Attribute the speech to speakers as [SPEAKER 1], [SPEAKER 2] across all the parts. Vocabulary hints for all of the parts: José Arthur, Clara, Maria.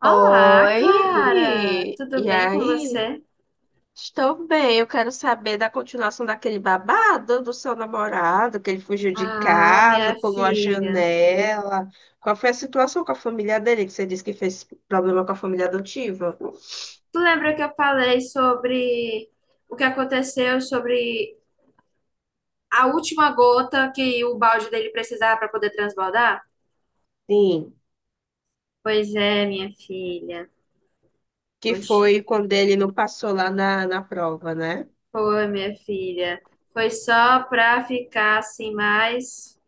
[SPEAKER 1] Olá, Clara!
[SPEAKER 2] Oi,
[SPEAKER 1] Tudo
[SPEAKER 2] e
[SPEAKER 1] bem com
[SPEAKER 2] aí?
[SPEAKER 1] você?
[SPEAKER 2] Estou bem. Eu quero saber da continuação daquele babado do seu namorado, que ele fugiu de
[SPEAKER 1] Ah,
[SPEAKER 2] casa,
[SPEAKER 1] minha
[SPEAKER 2] pulou a
[SPEAKER 1] filha.
[SPEAKER 2] janela. Qual foi a situação com a família dele, que você disse que fez problema com a família adotiva?
[SPEAKER 1] Tu lembra que eu falei sobre o que aconteceu, sobre a última gota que o balde dele precisava para poder transbordar?
[SPEAKER 2] Sim,
[SPEAKER 1] Pois é, minha filha.
[SPEAKER 2] que
[SPEAKER 1] Onde
[SPEAKER 2] foi quando ele não passou lá na prova, né?
[SPEAKER 1] foi, minha filha? Foi só para ficar assim mais,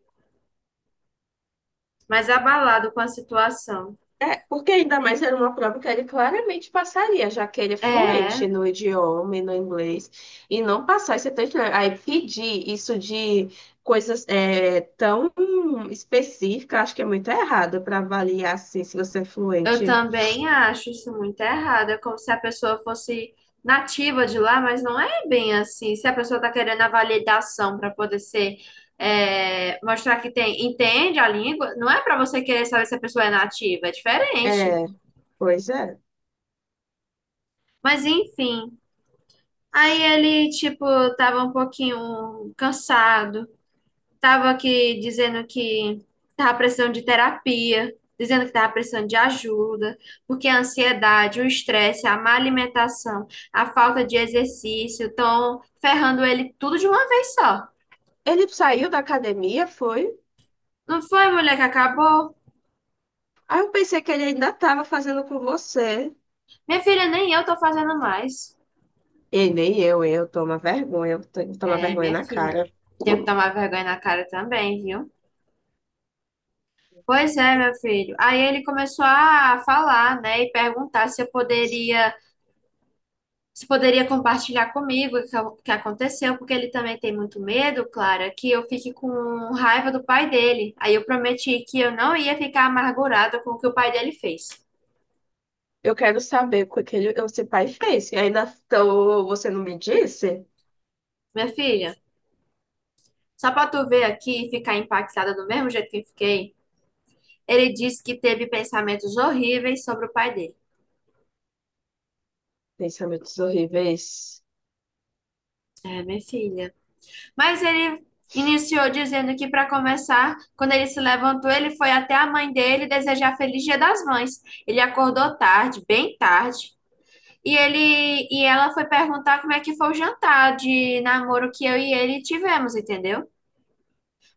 [SPEAKER 1] mais abalado com a situação.
[SPEAKER 2] É, porque ainda mais era uma prova que ele claramente passaria, já que ele é
[SPEAKER 1] É.
[SPEAKER 2] fluente no idioma e no inglês, e não passar esse tanto. Aí pedir isso de coisas é, tão específicas, acho que é muito errado para avaliar assim, se você é
[SPEAKER 1] Eu
[SPEAKER 2] fluente.
[SPEAKER 1] também acho isso muito errado. É como se a pessoa fosse nativa de lá, mas não é bem assim. Se a pessoa está querendo a validação para poder ser, é, mostrar que tem, entende a língua, não é para você querer saber se a pessoa é nativa, é diferente.
[SPEAKER 2] É, pois é.
[SPEAKER 1] Mas enfim. Aí ele, tipo, tava um pouquinho cansado. Tava aqui dizendo que tava precisando de terapia, dizendo que tava precisando de ajuda, porque a ansiedade, o estresse, a má alimentação, a falta de exercício estão ferrando ele tudo de uma vez só.
[SPEAKER 2] Ele saiu da academia, foi.
[SPEAKER 1] Não foi, mulher, que acabou?
[SPEAKER 2] Aí eu pensei que ele ainda estava fazendo com você.
[SPEAKER 1] Minha filha, nem eu tô fazendo mais.
[SPEAKER 2] E nem eu, eu tomo
[SPEAKER 1] É,
[SPEAKER 2] vergonha
[SPEAKER 1] minha
[SPEAKER 2] na
[SPEAKER 1] filha,
[SPEAKER 2] cara.
[SPEAKER 1] tenho que tomar vergonha na cara também, viu? Pois é, meu filho. Aí ele começou a falar, né, e perguntar se eu poderia você poderia compartilhar comigo o que aconteceu, porque ele também tem muito medo, Clara, que eu fique com raiva do pai dele. Aí eu prometi que eu não ia ficar amargurada com o que o pai dele fez.
[SPEAKER 2] Eu quero saber o que aquele ele, seu pai fez. E ainda então, você não me disse?
[SPEAKER 1] Minha filha, só pra tu ver aqui e ficar impactada do mesmo jeito que eu fiquei, ele disse que teve pensamentos horríveis sobre o pai dele.
[SPEAKER 2] Pensamentos horríveis.
[SPEAKER 1] É, minha filha. Mas ele iniciou dizendo que, para começar, quando ele se levantou, ele foi até a mãe dele desejar feliz Dia das Mães. Ele acordou tarde, bem tarde. E ele e ela foi perguntar como é que foi o jantar de namoro que eu e ele tivemos, entendeu?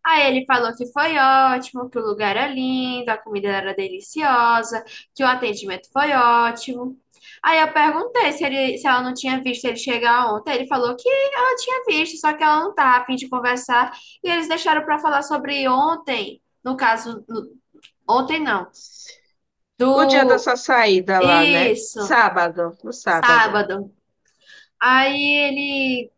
[SPEAKER 1] Aí ele falou que foi ótimo, que o lugar era lindo, a comida era deliciosa, que o atendimento foi ótimo. Aí eu perguntei se, ele, se ela não tinha visto ele chegar ontem. Ele falou que ela tinha visto, só que ela não tá a fim de conversar. E eles deixaram para falar sobre ontem, no caso, no- ontem não,
[SPEAKER 2] O dia da
[SPEAKER 1] do
[SPEAKER 2] sua saída lá, né?
[SPEAKER 1] isso,
[SPEAKER 2] Sábado, no sábado.
[SPEAKER 1] sábado. Aí ele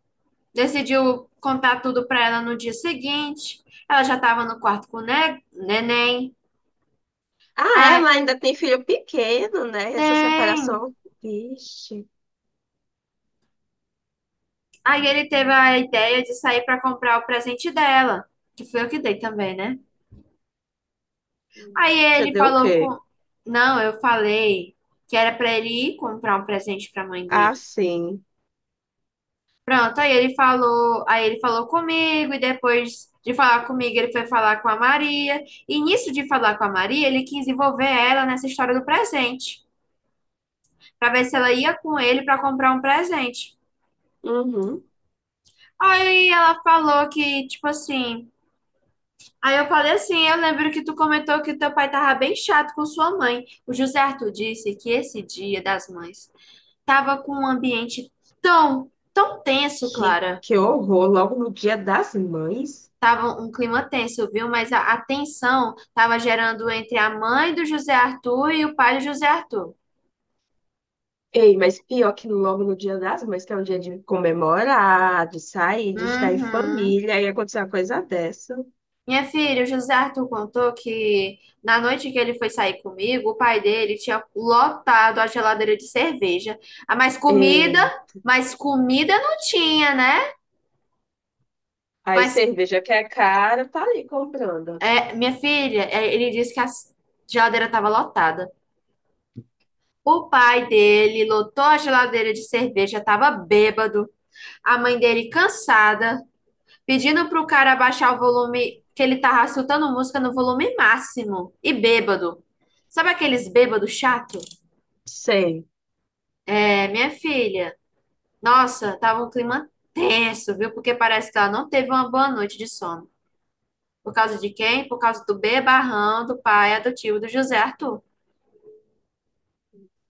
[SPEAKER 1] decidiu contar tudo para ela no dia seguinte. Ela já estava no quarto com o neném.
[SPEAKER 2] Ah,
[SPEAKER 1] Aí,
[SPEAKER 2] ela ainda tem filho pequeno, né? Essa
[SPEAKER 1] tem.
[SPEAKER 2] separação. Vixe.
[SPEAKER 1] Aí ele teve a ideia de sair para comprar o presente dela, que foi eu que dei também, né? Aí
[SPEAKER 2] Você
[SPEAKER 1] ele
[SPEAKER 2] deu o
[SPEAKER 1] falou
[SPEAKER 2] quê?
[SPEAKER 1] com. Não, eu falei que era para ele ir comprar um presente para a mãe
[SPEAKER 2] Ah,
[SPEAKER 1] dele.
[SPEAKER 2] sim.
[SPEAKER 1] Pronto, aí ele falou comigo e depois de falar comigo ele foi falar com a Maria. E nisso de falar com a Maria, ele quis envolver ela nessa história do presente, para ver se ela ia com ele para comprar um presente.
[SPEAKER 2] Uhum.
[SPEAKER 1] Aí ela falou que, tipo assim. Aí eu falei assim: eu lembro que tu comentou que teu pai tava bem chato com sua mãe. O José Arthur disse que esse Dia das Mães tava com um ambiente tão, tão tenso, Clara.
[SPEAKER 2] Que horror, logo no dia das mães.
[SPEAKER 1] Tava um clima tenso, viu? Mas a tensão tava gerando entre a mãe do José Arthur e o pai do José Arthur.
[SPEAKER 2] Ei, mas pior que logo no Dia das Mães, que é um dia de comemorar, de sair, de estar em
[SPEAKER 1] Uhum.
[SPEAKER 2] família, aí acontecer uma coisa dessa.
[SPEAKER 1] Minha filha, o José Arthur contou que na noite que ele foi sair comigo, o pai dele tinha lotado a geladeira de cerveja. Ah,
[SPEAKER 2] Ei,
[SPEAKER 1] mas comida não tinha, né?
[SPEAKER 2] aí
[SPEAKER 1] Mas
[SPEAKER 2] cerveja que é cara, tá ali comprando.
[SPEAKER 1] é, minha filha, é, ele disse que a geladeira estava lotada. O pai dele lotou a geladeira de cerveja, estava bêbado. A mãe dele cansada, pedindo pro cara abaixar o volume, que ele tava escutando música no volume máximo e bêbado. Sabe aqueles bêbados chato?
[SPEAKER 2] Sei.
[SPEAKER 1] É, minha filha, nossa, tava um clima tenso, viu? Porque parece que ela não teve uma boa noite de sono. Por causa de quem? Por causa do bebarrão do pai adotivo do José Arthur.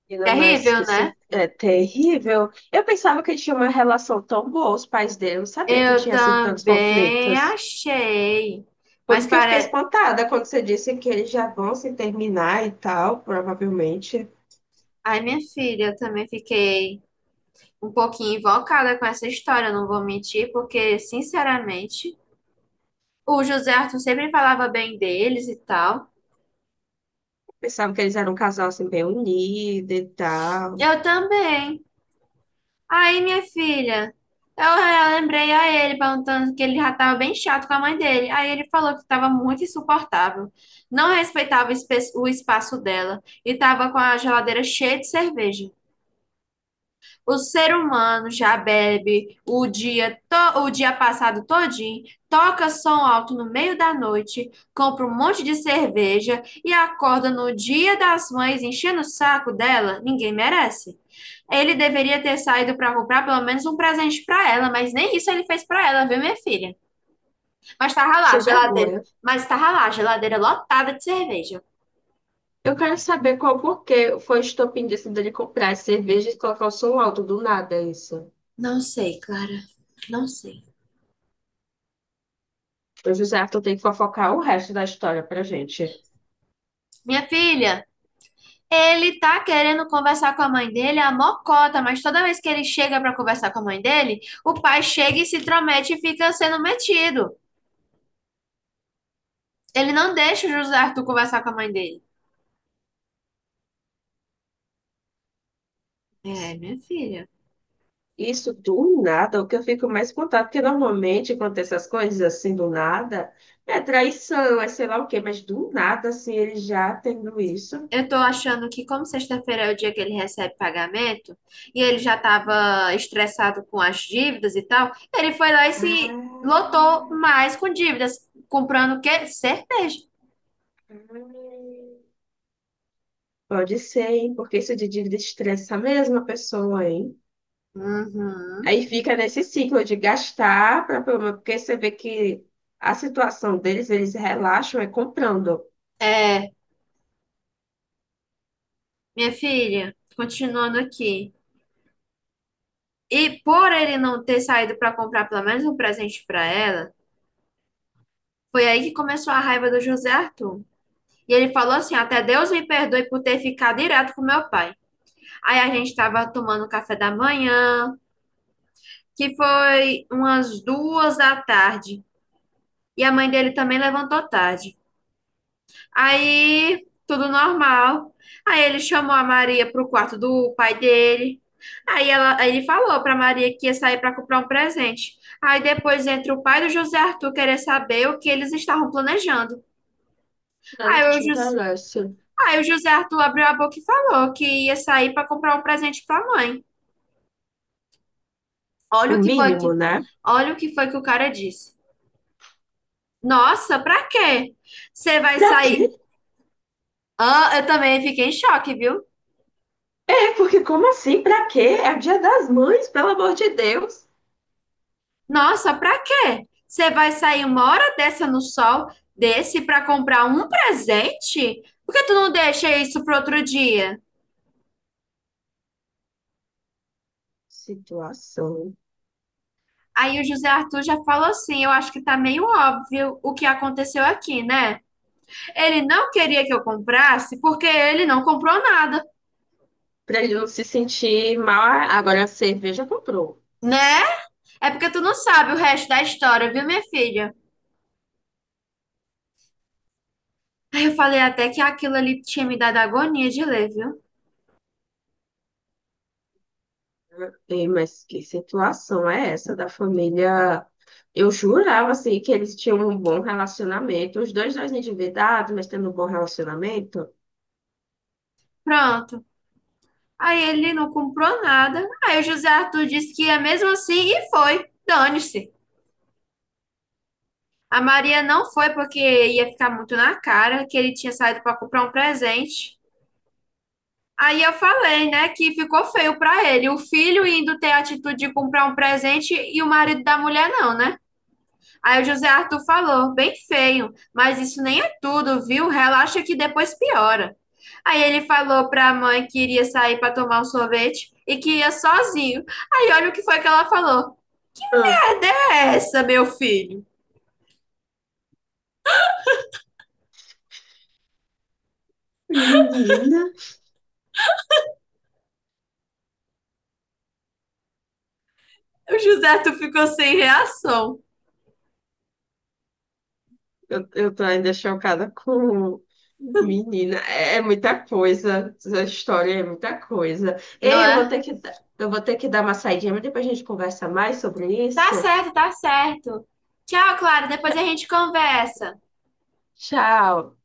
[SPEAKER 2] Ainda mais que
[SPEAKER 1] Terrível, né?
[SPEAKER 2] isso é terrível. Eu pensava que tinha uma relação tão boa, os pais dele, eu não sabia que
[SPEAKER 1] Eu
[SPEAKER 2] tinha assim tantos
[SPEAKER 1] também
[SPEAKER 2] conflitos.
[SPEAKER 1] achei.
[SPEAKER 2] Por
[SPEAKER 1] Mas
[SPEAKER 2] isso que eu fiquei
[SPEAKER 1] parece.
[SPEAKER 2] espantada quando você disse que eles já vão se terminar e tal, provavelmente.
[SPEAKER 1] Ai, minha filha, eu também fiquei um pouquinho invocada com essa história, não vou mentir, porque, sinceramente, o José Arthur sempre falava bem deles e tal.
[SPEAKER 2] Pensava que eles eram um casal assim bem unido e tal.
[SPEAKER 1] Eu também. Aí, minha filha, eu lembrei a ele perguntando que ele já estava bem chato com a mãe dele. Aí ele falou que estava muito insuportável, não respeitava o o espaço dela e estava com a geladeira cheia de cerveja. O ser humano já bebe o dia, o dia passado todinho, toca som alto no meio da noite, compra um monte de cerveja e acorda no Dia das Mães enchendo o saco dela. Ninguém merece. Ele deveria ter saído para comprar pelo menos um presente para ela, mas nem isso ele fez para ela, viu, minha filha? Mas tava lá,
[SPEAKER 2] Sem
[SPEAKER 1] geladeira.
[SPEAKER 2] vergonha.
[SPEAKER 1] Mas tava lá, geladeira lotada de cerveja.
[SPEAKER 2] Eu quero saber qual porquê foi o estopim disso dele comprar as cervejas e colocar o som alto do nada, isso.
[SPEAKER 1] Não sei, Clara. Não sei.
[SPEAKER 2] O José Arthur tem que fofocar o resto da história pra gente.
[SPEAKER 1] Minha filha. Ele tá querendo conversar com a mãe dele, a mocota, mas toda vez que ele chega para conversar com a mãe dele, o pai chega e se intromete e fica sendo metido. Ele não deixa o José Arthur conversar com a mãe dele. É, minha filha.
[SPEAKER 2] Isso do nada, o que eu fico mais espantado, porque normalmente quando tem essas coisas assim do nada, é traição, é sei lá o quê, mas do nada, assim, ele já tendo isso.
[SPEAKER 1] Eu tô achando que, como sexta-feira é o dia que ele recebe pagamento, e ele já tava estressado com as dívidas e tal, ele foi lá e se lotou
[SPEAKER 2] Ah,
[SPEAKER 1] mais com dívidas, comprando o quê? Cerveja.
[SPEAKER 2] pode ser, hein? Porque isso de dívida estressa a mesma pessoa, hein?
[SPEAKER 1] Uhum.
[SPEAKER 2] Aí fica nesse ciclo de gastar, porque você vê que a situação deles, eles relaxam é comprando.
[SPEAKER 1] É, minha filha, continuando aqui. E por ele não ter saído para comprar pelo menos um presente para ela, foi aí que começou a raiva do José Arthur. E ele falou assim: até Deus me perdoe por ter ficado direto com meu pai. Aí a gente estava tomando café da manhã, que foi umas duas da tarde. E a mãe dele também levantou tarde. Aí, tudo normal. Aí ele chamou a Maria pro quarto do pai dele. Aí, ela, aí ele falou pra Maria que ia sair pra comprar um presente. Aí depois entra o pai do José Arthur querer saber o que eles estavam planejando.
[SPEAKER 2] Nada
[SPEAKER 1] Aí
[SPEAKER 2] que
[SPEAKER 1] o,
[SPEAKER 2] te
[SPEAKER 1] Jus-
[SPEAKER 2] interessa.
[SPEAKER 1] aí o José Arthur abriu a boca e falou que ia sair pra comprar um presente pra mãe.
[SPEAKER 2] O
[SPEAKER 1] Olha o que foi
[SPEAKER 2] mínimo,
[SPEAKER 1] que,
[SPEAKER 2] né?
[SPEAKER 1] olha o que foi que o cara disse. Nossa, pra quê? Você vai
[SPEAKER 2] Pra
[SPEAKER 1] sair?
[SPEAKER 2] quê?
[SPEAKER 1] Ah, eu também fiquei em choque, viu?
[SPEAKER 2] É, porque como assim? Pra quê? É o Dia das Mães, pelo amor de Deus.
[SPEAKER 1] Nossa, pra quê? Você vai sair uma hora dessa no sol desse pra comprar um presente? Por que tu não deixa isso pro outro dia?
[SPEAKER 2] Situação.
[SPEAKER 1] Aí o José Arthur já falou assim: eu acho que tá meio óbvio o que aconteceu aqui, né? Ele não queria que eu comprasse porque ele não comprou nada,
[SPEAKER 2] Pra ele não se sentir mal, agora a cerveja comprou.
[SPEAKER 1] né? É porque tu não sabe o resto da história, viu, minha filha? Aí eu falei até que aquilo ali tinha me dado agonia de ler, viu?
[SPEAKER 2] Ei, mas que situação é essa da família? Eu jurava, assim, que eles tinham um bom relacionamento. Os dois, dois endividados, mas tendo um bom relacionamento.
[SPEAKER 1] Pronto. Aí ele não comprou nada. Aí o José Arthur disse que ia mesmo assim e foi. Dane-se. A Maria não foi porque ia ficar muito na cara, que ele tinha saído para comprar um presente. Aí eu falei, né, que ficou feio para ele, o filho indo ter a atitude de comprar um presente e o marido da mulher não, né? Aí o José Arthur falou, bem feio, mas isso nem é tudo, viu? Relaxa que depois piora. Aí ele falou para a mãe que iria sair para tomar um sorvete e que ia sozinho. Aí olha o que foi que ela falou.
[SPEAKER 2] Ah,
[SPEAKER 1] Cadê essa, meu filho?
[SPEAKER 2] menina,
[SPEAKER 1] O José Arthur ficou sem reação,
[SPEAKER 2] eu tô ainda chocada com... Menina, é, é muita coisa. Essa história é muita coisa.
[SPEAKER 1] não
[SPEAKER 2] Ei, eu vou
[SPEAKER 1] é?
[SPEAKER 2] ter eu vou ter que dar uma saidinha, mas depois a gente conversa mais sobre
[SPEAKER 1] Tá
[SPEAKER 2] isso.
[SPEAKER 1] certo, tá certo. Tchau, Clara, depois a gente conversa.
[SPEAKER 2] Tchau.